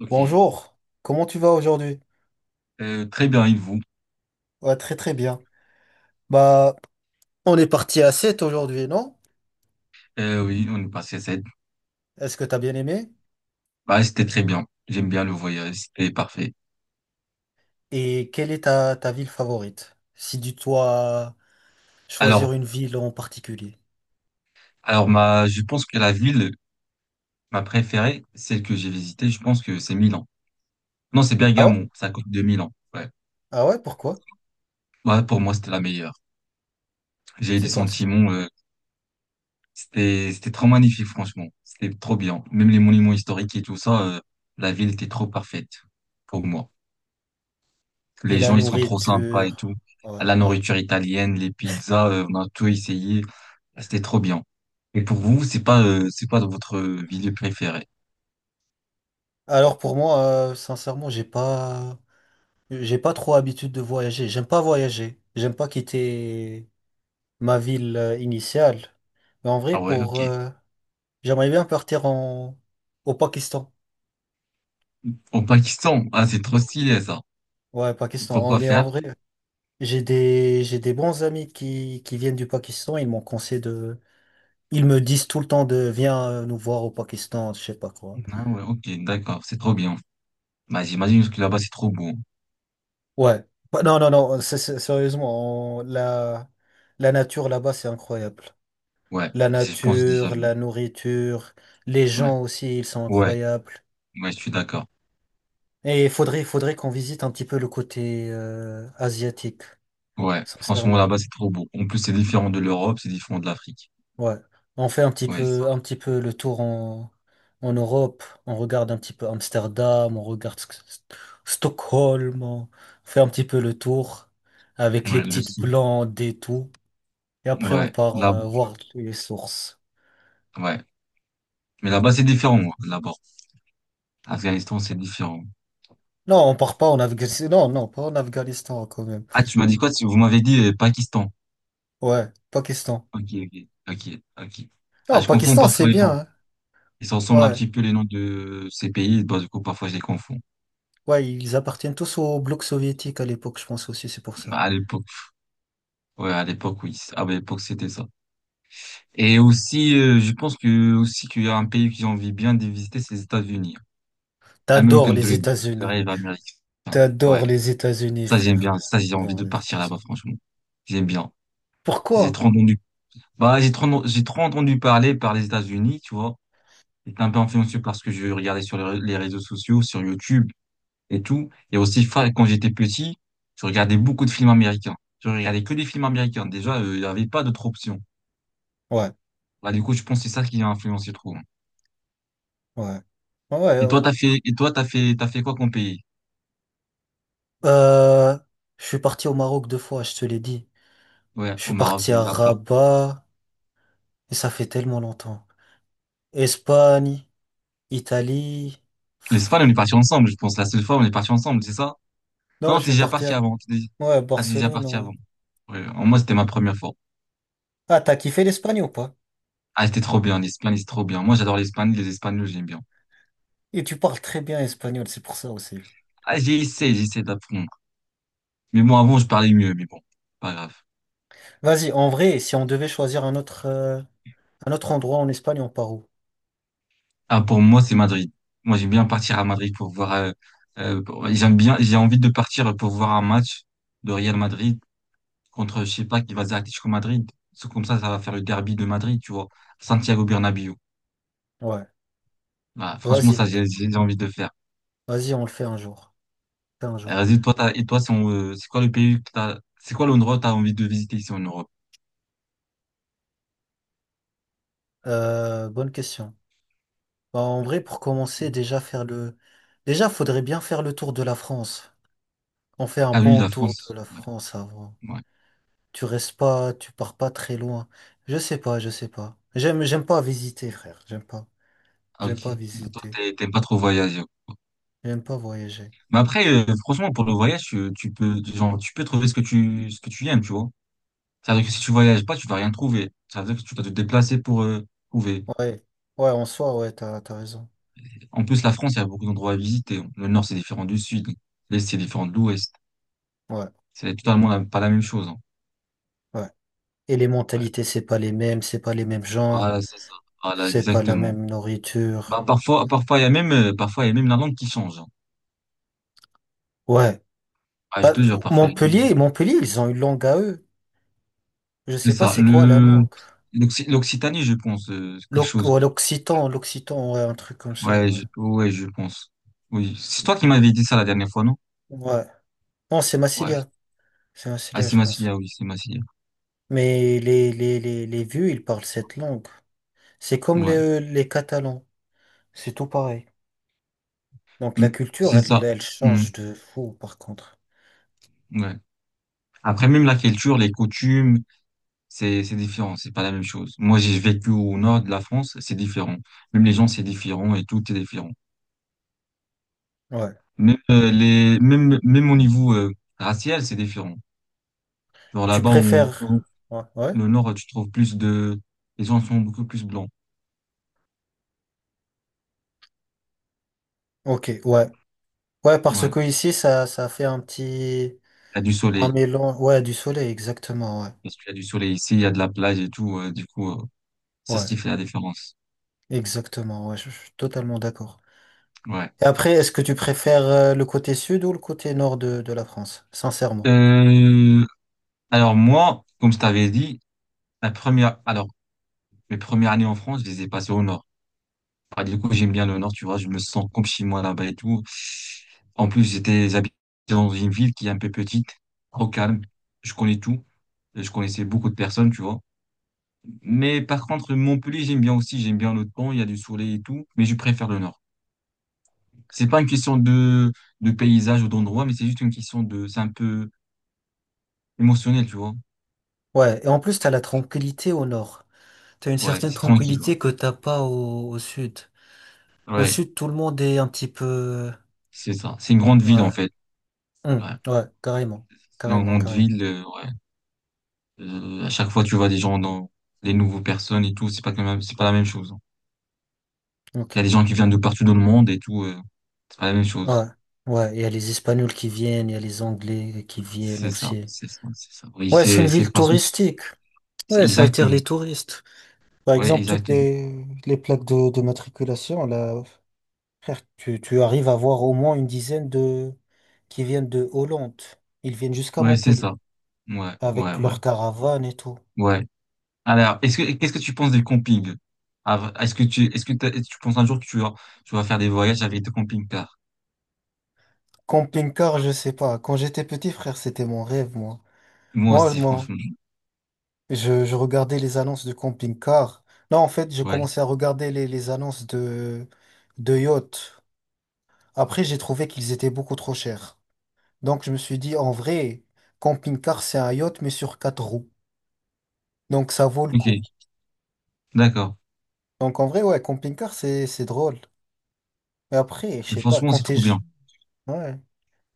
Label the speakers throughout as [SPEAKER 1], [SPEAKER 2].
[SPEAKER 1] Ok.
[SPEAKER 2] Bonjour, comment tu vas aujourd'hui?
[SPEAKER 1] Très bien, et vous?
[SPEAKER 2] Ouais, très très bien. Bah, on est parti à 7 aujourd'hui, non?
[SPEAKER 1] Oui, on est passé à cette.
[SPEAKER 2] Est-ce que t'as bien aimé?
[SPEAKER 1] Bah, c'était très bien. J'aime bien le voyage, c'était parfait.
[SPEAKER 2] Et quelle est ta ville favorite? Si tu dois choisir
[SPEAKER 1] Alors,
[SPEAKER 2] une ville en particulier.
[SPEAKER 1] alors, je pense que la ville, ma préférée, celle que j'ai visitée, je pense que c'est Milan. Non, c'est
[SPEAKER 2] Ah ouais?
[SPEAKER 1] Bergamo, c'est à côté de Milan. Ouais.
[SPEAKER 2] Ah ouais, pourquoi?
[SPEAKER 1] Ouais, pour moi, c'était la meilleure. J'ai eu des
[SPEAKER 2] C'est quoi ça?
[SPEAKER 1] sentiments, c'était trop magnifique, franchement. C'était trop bien. Même les monuments historiques et tout ça, la ville était trop parfaite pour moi.
[SPEAKER 2] Et
[SPEAKER 1] Les
[SPEAKER 2] la
[SPEAKER 1] gens, ils sont trop sympas et tout.
[SPEAKER 2] nourriture. Ouais,
[SPEAKER 1] La
[SPEAKER 2] ouais.
[SPEAKER 1] nourriture italienne, les pizzas, on a tout essayé. C'était trop bien. Et pour vous, c'est pas votre ville préférée?
[SPEAKER 2] Alors pour moi, sincèrement, j'ai pas trop habitude de voyager. J'aime pas voyager. J'aime pas quitter ma ville initiale. Mais en vrai,
[SPEAKER 1] Ah ouais, ok.
[SPEAKER 2] j'aimerais bien partir au Pakistan.
[SPEAKER 1] Au Pakistan, ah, c'est trop stylé ça.
[SPEAKER 2] Ouais,
[SPEAKER 1] Et
[SPEAKER 2] Pakistan.
[SPEAKER 1] pourquoi
[SPEAKER 2] Mais
[SPEAKER 1] faire?
[SPEAKER 2] en vrai, j'ai des bons amis qui viennent du Pakistan. Ils m'ont conseillé de. Ils me disent tout le temps de viens nous voir au Pakistan, je sais pas quoi.
[SPEAKER 1] Ah ouais, ok, d'accord, c'est trop bien. Bah, j'imagine que là-bas, c'est trop beau.
[SPEAKER 2] Ouais. Bah, non, non, non. Sérieusement, la nature là-bas, c'est incroyable.
[SPEAKER 1] Ouais,
[SPEAKER 2] La
[SPEAKER 1] je pense déjà
[SPEAKER 2] nature,
[SPEAKER 1] vu.
[SPEAKER 2] la nourriture, les
[SPEAKER 1] Ouais,
[SPEAKER 2] gens aussi, ils sont
[SPEAKER 1] ouais,
[SPEAKER 2] incroyables.
[SPEAKER 1] ouais, je suis d'accord.
[SPEAKER 2] Et il faudrait qu'on visite un petit peu le côté asiatique,
[SPEAKER 1] Ouais, franchement,
[SPEAKER 2] sincèrement.
[SPEAKER 1] là-bas, c'est trop beau. En plus, c'est différent de l'Europe, c'est différent de l'Afrique.
[SPEAKER 2] Ouais. On fait
[SPEAKER 1] Ouais, ça.
[SPEAKER 2] un petit peu le tour en Europe. On regarde un petit peu Amsterdam, on regarde Stockholm. On fait un petit peu le tour avec les
[SPEAKER 1] Ouais, le
[SPEAKER 2] petites
[SPEAKER 1] sou.
[SPEAKER 2] blondes et tout. Et après, on
[SPEAKER 1] Ouais,
[SPEAKER 2] part
[SPEAKER 1] là,
[SPEAKER 2] voir les sources.
[SPEAKER 1] ouais. Mais là-bas, c'est différent, moi, là-bas. Afghanistan, c'est différent.
[SPEAKER 2] Non, on part pas en Afghanistan. Non, non, pas en Afghanistan quand même.
[SPEAKER 1] Ah, tu m'as dit quoi? Vous m'avez dit Pakistan.
[SPEAKER 2] Ouais, Pakistan.
[SPEAKER 1] Ok, ok, ok, ok. Ah,
[SPEAKER 2] Non,
[SPEAKER 1] je confonds
[SPEAKER 2] Pakistan, c'est
[SPEAKER 1] parfois les
[SPEAKER 2] bien,
[SPEAKER 1] noms.
[SPEAKER 2] hein.
[SPEAKER 1] Ils se ressemblent un
[SPEAKER 2] Ouais,
[SPEAKER 1] petit peu les noms de ces pays. Bah, du coup, parfois, je les confonds.
[SPEAKER 2] ouais, ils appartiennent tous au bloc soviétique à l'époque, je pense aussi, c'est pour ça.
[SPEAKER 1] Bah, à l'époque, ouais, à l'époque, oui. Ah, bah, à l'époque, c'était ça. Et aussi, je pense que aussi qu'il y a un pays que j'ai envie bien de visiter, c'est les États-Unis.
[SPEAKER 2] T'adores
[SPEAKER 1] American
[SPEAKER 2] les
[SPEAKER 1] Dream, le
[SPEAKER 2] États-Unis.
[SPEAKER 1] rêve américain. Ouais,
[SPEAKER 2] T'adores les États-Unis,
[SPEAKER 1] ça, j'aime
[SPEAKER 2] frère.
[SPEAKER 1] bien. Ça, j'ai envie
[SPEAKER 2] T'adores
[SPEAKER 1] de
[SPEAKER 2] les
[SPEAKER 1] partir là-bas,
[SPEAKER 2] États-Unis.
[SPEAKER 1] franchement. J'aime bien. J'ai
[SPEAKER 2] Pourquoi?
[SPEAKER 1] trop entendu. Bah, j'ai trop entendu parler par les États-Unis, tu vois. J'étais un peu influencé par ce que je regardais sur les réseaux sociaux, sur YouTube et tout. Et aussi, quand j'étais petit, je regardais beaucoup de films américains. Je regardais que des films américains. Déjà, il n'y avait pas d'autres options.
[SPEAKER 2] Ouais,
[SPEAKER 1] Bah, du coup, je pense que c'est ça qui a influencé trop, hein.
[SPEAKER 2] ouais. Ouais.
[SPEAKER 1] Et toi, t'as fait quoi comme pays?
[SPEAKER 2] Euh, je suis parti au Maroc deux fois, je te l'ai dit.
[SPEAKER 1] Ouais,
[SPEAKER 2] Je
[SPEAKER 1] au
[SPEAKER 2] suis
[SPEAKER 1] Maroc,
[SPEAKER 2] parti
[SPEAKER 1] oui,
[SPEAKER 2] à
[SPEAKER 1] après.
[SPEAKER 2] Rabat, et ça fait tellement longtemps. Espagne, Italie.
[SPEAKER 1] L'Espagne, on
[SPEAKER 2] Pff,
[SPEAKER 1] est parti ensemble, je pense. La seule fois, on est parti ensemble, c'est ça?
[SPEAKER 2] non,
[SPEAKER 1] Non,
[SPEAKER 2] je
[SPEAKER 1] t'es
[SPEAKER 2] suis
[SPEAKER 1] déjà
[SPEAKER 2] parti
[SPEAKER 1] parti
[SPEAKER 2] à,
[SPEAKER 1] avant.
[SPEAKER 2] ouais, à
[SPEAKER 1] Ah, t'es déjà
[SPEAKER 2] Barcelone,
[SPEAKER 1] parti
[SPEAKER 2] ouais.
[SPEAKER 1] avant. Ouais, en moi, c'était ma première fois.
[SPEAKER 2] Ah, t'as kiffé l'Espagne ou pas?
[SPEAKER 1] Ah, c'était trop bien. L'Espagne, c'est trop bien. Moi, j'adore l'Espagne. Les Espagnols, j'aime bien.
[SPEAKER 2] Et tu parles très bien espagnol, c'est pour ça aussi.
[SPEAKER 1] Ah, j'ai essayé d'apprendre. Mais bon, avant, je parlais mieux, mais bon, pas grave.
[SPEAKER 2] Vas-y, en vrai, si on devait choisir un autre endroit en Espagne, on part où?
[SPEAKER 1] Ah, pour moi, c'est Madrid. Moi, j'aime bien partir à Madrid pour voir, j'aime bien, j'ai envie de partir pour voir un match de Real Madrid contre, je sais pas, qui va dire Atlético Madrid. C'est comme ça va faire le derby de Madrid, tu vois. Santiago Bernabéu.
[SPEAKER 2] Ouais.
[SPEAKER 1] Voilà, franchement, ça,
[SPEAKER 2] Vas-y.
[SPEAKER 1] j'ai envie de faire.
[SPEAKER 2] Vas-y, on le fait un jour. Fait un jour.
[SPEAKER 1] Vas-y, toi, et toi, c'est quoi le pays que t'as, c'est quoi l'endroit que t'as envie de visiter ici en Europe?
[SPEAKER 2] Bonne question. Bah, en vrai, pour commencer, Déjà, faudrait bien faire le tour de la France. On fait un
[SPEAKER 1] Ah oui,
[SPEAKER 2] bon
[SPEAKER 1] la
[SPEAKER 2] tour de
[SPEAKER 1] France.
[SPEAKER 2] la
[SPEAKER 1] Ouais,
[SPEAKER 2] France avant.
[SPEAKER 1] ouais.
[SPEAKER 2] Tu restes pas, tu pars pas très loin. Je sais pas, je sais pas. J'aime pas visiter, frère. J'aime pas.
[SPEAKER 1] Ah, ok.
[SPEAKER 2] J'aime pas
[SPEAKER 1] Bah, toi,
[SPEAKER 2] visiter.
[SPEAKER 1] t'aimes pas trop voyager.
[SPEAKER 2] J'aime pas voyager.
[SPEAKER 1] Mais après, franchement, pour le voyage, tu peux, genre, tu peux trouver ce que ce que tu aimes, tu vois. C'est-à-dire que si tu voyages pas, tu vas rien trouver. C'est à dire que tu dois te déplacer pour trouver.
[SPEAKER 2] Ouais. Ouais, en soi, ouais, t'as raison.
[SPEAKER 1] En plus, la France, il y a beaucoup d'endroits à visiter. Le nord, c'est différent du sud. L'est, c'est différent de l'ouest.
[SPEAKER 2] Ouais,
[SPEAKER 1] C'est totalement pas la même chose, hein.
[SPEAKER 2] ouais. Et les
[SPEAKER 1] Ouais.
[SPEAKER 2] mentalités, c'est pas les mêmes, c'est pas les mêmes gens,
[SPEAKER 1] Voilà, c'est ça. Voilà,
[SPEAKER 2] c'est pas la
[SPEAKER 1] exactement.
[SPEAKER 2] même
[SPEAKER 1] Bah,
[SPEAKER 2] nourriture.
[SPEAKER 1] parfois, il y a même, parfois, il y a même la langue qui change, hein.
[SPEAKER 2] Ouais.
[SPEAKER 1] Ah, je
[SPEAKER 2] Bah,
[SPEAKER 1] te jure, parfois, il y a même-
[SPEAKER 2] Montpellier, Montpellier, ils ont une langue à eux. Je
[SPEAKER 1] C'est
[SPEAKER 2] sais pas
[SPEAKER 1] ça.
[SPEAKER 2] c'est quoi la langue.
[SPEAKER 1] L'Occitanie, je pense, quelque chose.
[SPEAKER 2] Ouais, l'occitan, l'occitan, ouais, un truc comme ça.
[SPEAKER 1] Ouais, ouais, je pense. Oui. C'est toi qui m'avais dit ça la dernière fois, non?
[SPEAKER 2] Ouais. Ouais. Non, c'est
[SPEAKER 1] Ouais.
[SPEAKER 2] Massilia. C'est
[SPEAKER 1] Ah,
[SPEAKER 2] Massilia,
[SPEAKER 1] c'est
[SPEAKER 2] je
[SPEAKER 1] ma fille,
[SPEAKER 2] pense.
[SPEAKER 1] ah oui, c'est ma fille.
[SPEAKER 2] Mais les vieux, ils parlent cette langue. C'est comme
[SPEAKER 1] Ouais.
[SPEAKER 2] les Catalans. C'est tout pareil. Donc la
[SPEAKER 1] Hmm.
[SPEAKER 2] culture,
[SPEAKER 1] C'est
[SPEAKER 2] elle,
[SPEAKER 1] ça.
[SPEAKER 2] elle
[SPEAKER 1] Hmm,
[SPEAKER 2] change de fou, par contre.
[SPEAKER 1] ouais. Après, même la culture, les coutumes, c'est différent. C'est pas la même chose. Moi, j'ai vécu au nord de la France, c'est différent. Même les gens, c'est différent et tout est différent.
[SPEAKER 2] Ouais.
[SPEAKER 1] Même, au niveau, racial, c'est différent. Genre
[SPEAKER 2] Tu
[SPEAKER 1] là-bas, où
[SPEAKER 2] préfères. Ouais. Ouais.
[SPEAKER 1] le nord, tu trouves les gens sont beaucoup plus blancs.
[SPEAKER 2] Ok, ouais. Ouais, parce
[SPEAKER 1] Ouais.
[SPEAKER 2] que ici, ça fait un petit.
[SPEAKER 1] Il y a du
[SPEAKER 2] un
[SPEAKER 1] soleil.
[SPEAKER 2] mélange. Ouais, du soleil, exactement, ouais.
[SPEAKER 1] Parce qu'il y a du soleil ici, il y a de la plage et tout, du coup, c'est ce
[SPEAKER 2] Ouais.
[SPEAKER 1] qui fait la différence.
[SPEAKER 2] Exactement, ouais, je suis totalement d'accord.
[SPEAKER 1] Ouais.
[SPEAKER 2] Et après, est-ce que tu préfères le côté sud ou le côté nord de la France, sincèrement?
[SPEAKER 1] Euh, alors moi, comme je t'avais dit, la première, alors mes premières années en France, je les ai passées au nord. Ah, du coup, j'aime bien le nord, tu vois, je me sens comme chez moi là-bas et tout. En plus, j'étais habité dans une ville qui est un peu petite, au calme. Je connais tout. Je connaissais beaucoup de personnes, tu vois. Mais par contre, Montpellier, j'aime bien aussi. J'aime bien le temps, il y a du soleil et tout. Mais je préfère le nord. C'est pas une question de paysage ou d'endroit, mais c'est juste une question c'est un peu émotionnel, tu vois.
[SPEAKER 2] Ouais, et en plus, t'as la tranquillité au nord. T'as une
[SPEAKER 1] Ouais,
[SPEAKER 2] certaine
[SPEAKER 1] c'est tranquille. Ouais,
[SPEAKER 2] tranquillité que t'as pas au sud. Au
[SPEAKER 1] ouais,
[SPEAKER 2] sud, tout le monde est un petit peu.
[SPEAKER 1] c'est ça. C'est une grande ville en
[SPEAKER 2] Ouais,
[SPEAKER 1] fait.
[SPEAKER 2] hum,
[SPEAKER 1] Ouais,
[SPEAKER 2] ouais, carrément,
[SPEAKER 1] c'est une
[SPEAKER 2] carrément,
[SPEAKER 1] grande
[SPEAKER 2] carrément.
[SPEAKER 1] ville, ouais. À chaque fois, tu vois des gens dans des nouvelles personnes et tout. C'est pas quand même, c'est pas la même chose, hein.
[SPEAKER 2] Ok,
[SPEAKER 1] Il y a des gens qui viennent de partout dans le monde et tout, c'est pas la même
[SPEAKER 2] ouais,
[SPEAKER 1] chose.
[SPEAKER 2] ouais, il y a les Espagnols qui viennent, il y a les Anglais qui viennent
[SPEAKER 1] C'est ça,
[SPEAKER 2] aussi.
[SPEAKER 1] c'est ça, c'est ça. Oui,
[SPEAKER 2] Ouais, c'est une
[SPEAKER 1] c'est
[SPEAKER 2] ville
[SPEAKER 1] parce que c'est
[SPEAKER 2] touristique.
[SPEAKER 1] c'est
[SPEAKER 2] Ouais, ça attire
[SPEAKER 1] exactement.
[SPEAKER 2] les touristes. Par
[SPEAKER 1] Ouais,
[SPEAKER 2] exemple, toutes
[SPEAKER 1] exactement.
[SPEAKER 2] les plaques de matriculation, là, frère, tu arrives à voir au moins une dizaine de qui viennent de Hollande. Ils viennent jusqu'à
[SPEAKER 1] Ouais, c'est
[SPEAKER 2] Montpellier
[SPEAKER 1] ça. Ouais, ouais,
[SPEAKER 2] avec
[SPEAKER 1] ouais,
[SPEAKER 2] leur caravane et tout.
[SPEAKER 1] ouais. Alors, est-ce que qu'est-ce que tu penses des campings? Ah, est-ce que tu penses un jour que tu vas faire des voyages avec des camping-cars?
[SPEAKER 2] Camping-car, je sais pas. Quand j'étais petit, frère, c'était mon rêve, moi.
[SPEAKER 1] Moi
[SPEAKER 2] Moi,
[SPEAKER 1] aussi,
[SPEAKER 2] moi,
[SPEAKER 1] franchement.
[SPEAKER 2] je regardais les annonces de camping-car. Non, en fait, je
[SPEAKER 1] Ouais.
[SPEAKER 2] commençais à regarder les annonces de yacht. Après, j'ai trouvé qu'ils étaient beaucoup trop chers. Donc, je me suis dit, en vrai, camping-car, c'est un yacht, mais sur quatre roues. Donc ça vaut le coup.
[SPEAKER 1] Ok. D'accord.
[SPEAKER 2] Donc en vrai, ouais, camping-car, c'est drôle. Mais après, je sais pas,
[SPEAKER 1] Franchement,
[SPEAKER 2] quand
[SPEAKER 1] c'est
[SPEAKER 2] t'es
[SPEAKER 1] trop bien.
[SPEAKER 2] ouais.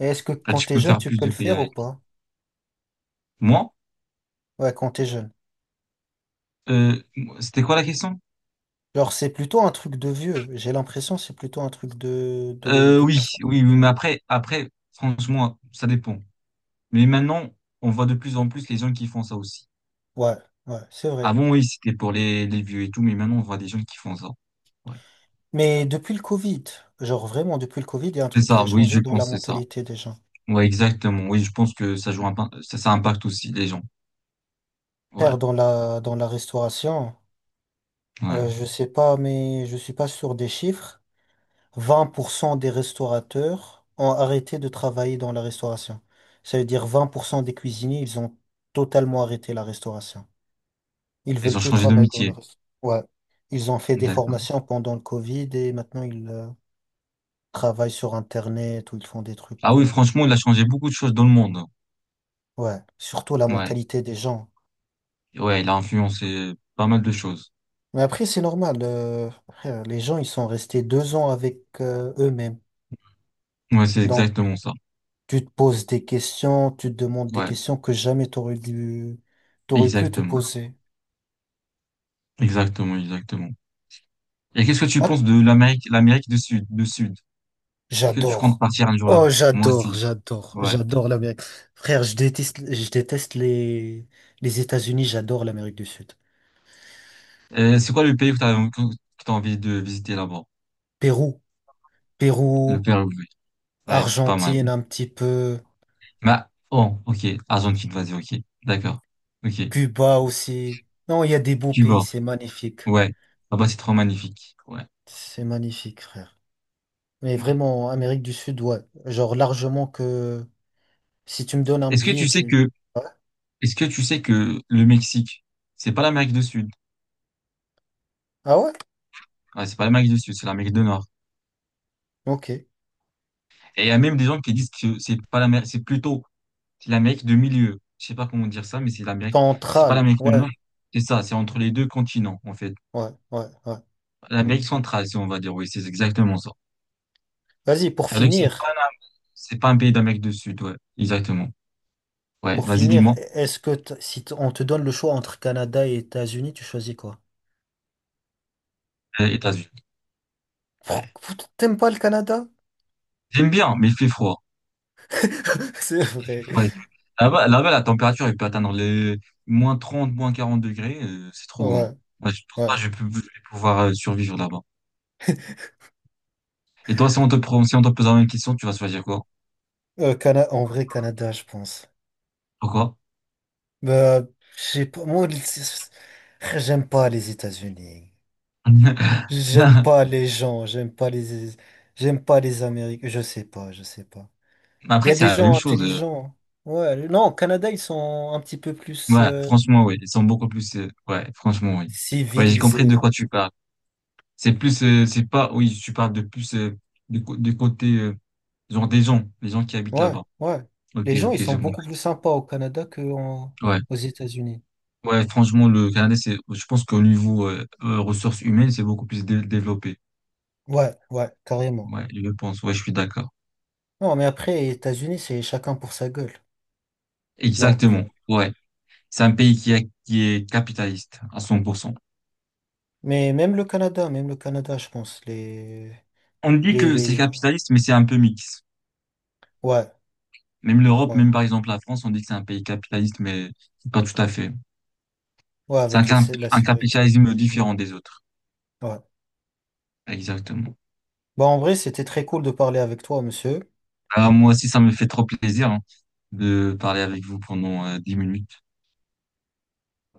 [SPEAKER 2] Et est-ce que
[SPEAKER 1] Là,
[SPEAKER 2] quand
[SPEAKER 1] tu
[SPEAKER 2] t'es
[SPEAKER 1] peux
[SPEAKER 2] jeune,
[SPEAKER 1] faire
[SPEAKER 2] tu
[SPEAKER 1] plus
[SPEAKER 2] peux
[SPEAKER 1] de
[SPEAKER 2] le
[SPEAKER 1] pays
[SPEAKER 2] faire ou
[SPEAKER 1] avec.
[SPEAKER 2] pas?
[SPEAKER 1] Moi,
[SPEAKER 2] Ouais, quand t'es jeune.
[SPEAKER 1] euh, c'était quoi la question?
[SPEAKER 2] Genre, c'est plutôt un truc de vieux. J'ai l'impression que c'est plutôt un truc de, de,
[SPEAKER 1] Euh,
[SPEAKER 2] de
[SPEAKER 1] oui,
[SPEAKER 2] personne.
[SPEAKER 1] oui, oui, mais après, franchement, ça dépend. Mais maintenant, on voit de plus en plus les gens qui font ça aussi.
[SPEAKER 2] Ouais, ouais, c'est vrai.
[SPEAKER 1] Avant, oui, c'était pour les vieux et tout, mais maintenant, on voit des gens qui font ça. Ouais.
[SPEAKER 2] Mais depuis le Covid, genre vraiment depuis le Covid, il y a un
[SPEAKER 1] C'est
[SPEAKER 2] truc qui
[SPEAKER 1] ça,
[SPEAKER 2] a
[SPEAKER 1] oui,
[SPEAKER 2] changé
[SPEAKER 1] je
[SPEAKER 2] dans la
[SPEAKER 1] pense, c'est ça.
[SPEAKER 2] mentalité des gens.
[SPEAKER 1] Ouais, exactement. Oui, je pense que ça joue ça impacte aussi les gens.
[SPEAKER 2] Faire
[SPEAKER 1] Ouais,
[SPEAKER 2] dans la restauration,
[SPEAKER 1] ouais.
[SPEAKER 2] je sais pas, mais je suis pas sûr des chiffres. 20% des restaurateurs ont arrêté de travailler dans la restauration. Ça veut dire 20% des cuisiniers, ils ont totalement arrêté la restauration. Ils
[SPEAKER 1] Ils
[SPEAKER 2] veulent
[SPEAKER 1] ont
[SPEAKER 2] plus
[SPEAKER 1] changé de
[SPEAKER 2] travailler dans la
[SPEAKER 1] métier.
[SPEAKER 2] restauration. Ouais. Ils ont fait des
[SPEAKER 1] D'accord.
[SPEAKER 2] formations pendant le Covid et maintenant ils travaillent sur Internet ou ils font des
[SPEAKER 1] Ah
[SPEAKER 2] trucs.
[SPEAKER 1] oui, franchement, il a changé beaucoup de choses dans le monde.
[SPEAKER 2] Ouais. Surtout la
[SPEAKER 1] Ouais,
[SPEAKER 2] mentalité des gens.
[SPEAKER 1] ouais, il a influencé pas mal de choses.
[SPEAKER 2] Mais après, c'est normal. Frère, les gens, ils sont restés 2 ans avec eux-mêmes.
[SPEAKER 1] Ouais, c'est
[SPEAKER 2] Donc,
[SPEAKER 1] exactement ça.
[SPEAKER 2] tu te poses des questions, tu te demandes des
[SPEAKER 1] Ouais,
[SPEAKER 2] questions que jamais t'aurais pu te
[SPEAKER 1] exactement.
[SPEAKER 2] poser.
[SPEAKER 1] Exactement, exactement. Et qu'est-ce que tu
[SPEAKER 2] Ah,
[SPEAKER 1] penses de l'Amérique, l'Amérique du Sud, du Sud? Est-ce que tu comptes
[SPEAKER 2] j'adore.
[SPEAKER 1] partir un jour là?
[SPEAKER 2] Oh,
[SPEAKER 1] Moi
[SPEAKER 2] j'adore,
[SPEAKER 1] aussi.
[SPEAKER 2] j'adore,
[SPEAKER 1] Ouais.
[SPEAKER 2] j'adore l'Amérique. Frère, je déteste les États-Unis, j'adore l'Amérique du Sud.
[SPEAKER 1] C'est quoi le pays que t'as envie de visiter là-bas?
[SPEAKER 2] Pérou,
[SPEAKER 1] Le
[SPEAKER 2] Pérou,
[SPEAKER 1] Pérou, oui. Ouais, c'est pas mal.
[SPEAKER 2] Argentine un petit peu,
[SPEAKER 1] Bah, oh, ok. Argentine, vas-y, ok. D'accord. Ok.
[SPEAKER 2] Cuba aussi. Non, il y a des beaux pays,
[SPEAKER 1] Cuba.
[SPEAKER 2] c'est magnifique.
[SPEAKER 1] Ouais. Là-bas, c'est trop magnifique. Ouais.
[SPEAKER 2] C'est magnifique, frère. Mais
[SPEAKER 1] Ouais.
[SPEAKER 2] vraiment, Amérique du Sud, ouais. Genre largement que si tu me donnes un
[SPEAKER 1] Est-ce que
[SPEAKER 2] billet,
[SPEAKER 1] tu sais
[SPEAKER 2] tu.
[SPEAKER 1] que,
[SPEAKER 2] Ouais.
[SPEAKER 1] est-ce que tu sais que le Mexique, c'est pas l'Amérique du Sud?
[SPEAKER 2] Ah ouais?
[SPEAKER 1] Ouais, c'est pas l'Amérique du Sud, c'est l'Amérique du Nord.
[SPEAKER 2] Ok.
[SPEAKER 1] Et il y a même des gens qui disent que c'est pas l'Amérique, c'est plutôt c'est l'Amérique de milieu. Je sais pas comment dire ça, mais c'est l'Amérique, c'est pas
[SPEAKER 2] Central.
[SPEAKER 1] l'Amérique du
[SPEAKER 2] Ouais,
[SPEAKER 1] Nord. C'est ça, c'est entre les deux continents, en fait.
[SPEAKER 2] ouais, ouais, ouais.
[SPEAKER 1] L'Amérique centrale, si on va dire, oui, c'est exactement ça.
[SPEAKER 2] Vas-y, pour
[SPEAKER 1] C'est-à-dire que
[SPEAKER 2] finir,
[SPEAKER 1] c'est pas un pays d'Amérique du Sud, ouais, exactement. Ouais,
[SPEAKER 2] pour
[SPEAKER 1] vas-y,
[SPEAKER 2] finir,
[SPEAKER 1] dis-moi.
[SPEAKER 2] est-ce que t- si t- on te donne le choix entre Canada et États-Unis, tu choisis quoi?
[SPEAKER 1] États-Unis. Ouais.
[SPEAKER 2] T'aimes pas le Canada?
[SPEAKER 1] J'aime bien, mais il fait froid.
[SPEAKER 2] C'est
[SPEAKER 1] Il fait
[SPEAKER 2] vrai.
[SPEAKER 1] froid. Là-bas, là-bas, la température, elle peut atteindre les moins 30 moins 40 degrés, c'est trop, hein.
[SPEAKER 2] Ouais,
[SPEAKER 1] Ouais, je pense pas que
[SPEAKER 2] ouais.
[SPEAKER 1] je peux, je vais pouvoir survivre là-bas. Et toi, si on te pose la même question, tu vas choisir quoi?
[SPEAKER 2] En vrai, Canada, je pense.
[SPEAKER 1] Pourquoi?
[SPEAKER 2] Bah, j'ai pas, moi, j'aime pas les États-Unis. J'aime
[SPEAKER 1] Mais
[SPEAKER 2] pas les gens, j'aime pas les Américains. Je sais pas, je sais pas. Il y
[SPEAKER 1] après,
[SPEAKER 2] a
[SPEAKER 1] c'est
[SPEAKER 2] des
[SPEAKER 1] la même
[SPEAKER 2] gens
[SPEAKER 1] chose.
[SPEAKER 2] intelligents. Ouais, non, au Canada, ils sont un petit peu plus
[SPEAKER 1] Ouais, franchement, oui. Ils sont beaucoup plus. Ouais, franchement, oui. Ouais, j'ai compris de
[SPEAKER 2] civilisés.
[SPEAKER 1] quoi tu parles. C'est plus, c'est pas, oui, tu parles de plus du côté, genre les gens qui habitent
[SPEAKER 2] Ouais,
[SPEAKER 1] là-bas.
[SPEAKER 2] ouais.
[SPEAKER 1] Ok,
[SPEAKER 2] Les gens,
[SPEAKER 1] ok,
[SPEAKER 2] ils sont
[SPEAKER 1] j'ai
[SPEAKER 2] beaucoup
[SPEAKER 1] compris.
[SPEAKER 2] plus sympas au Canada qu'aux
[SPEAKER 1] Ouais.
[SPEAKER 2] aux États-Unis.
[SPEAKER 1] Ouais, franchement, le Canada, je pense qu'au niveau ressources humaines, c'est beaucoup plus développé.
[SPEAKER 2] Ouais, ouais, carrément.
[SPEAKER 1] Ouais, je pense. Ouais, je suis d'accord.
[SPEAKER 2] Non, mais après, les États-Unis, c'est chacun pour sa gueule. Donc,
[SPEAKER 1] Exactement. Ouais. C'est un pays qui est capitaliste à 100%.
[SPEAKER 2] mais même le Canada, je pense,
[SPEAKER 1] On dit
[SPEAKER 2] les,
[SPEAKER 1] que
[SPEAKER 2] les,
[SPEAKER 1] c'est
[SPEAKER 2] les-
[SPEAKER 1] capitaliste, mais c'est un peu mix.
[SPEAKER 2] ouais,
[SPEAKER 1] Même l'Europe,
[SPEAKER 2] ouais,
[SPEAKER 1] même par exemple la France, on dit que c'est un pays capitaliste, mais pas tout à fait.
[SPEAKER 2] ouais,
[SPEAKER 1] C'est
[SPEAKER 2] avec la
[SPEAKER 1] un
[SPEAKER 2] sécurité.
[SPEAKER 1] capitalisme différent des autres.
[SPEAKER 2] Ouais.
[SPEAKER 1] Exactement.
[SPEAKER 2] Bon, en vrai, c'était très cool de parler avec toi, monsieur.
[SPEAKER 1] Alors moi aussi, ça me fait trop plaisir hein, de parler avec vous pendant 10 minutes.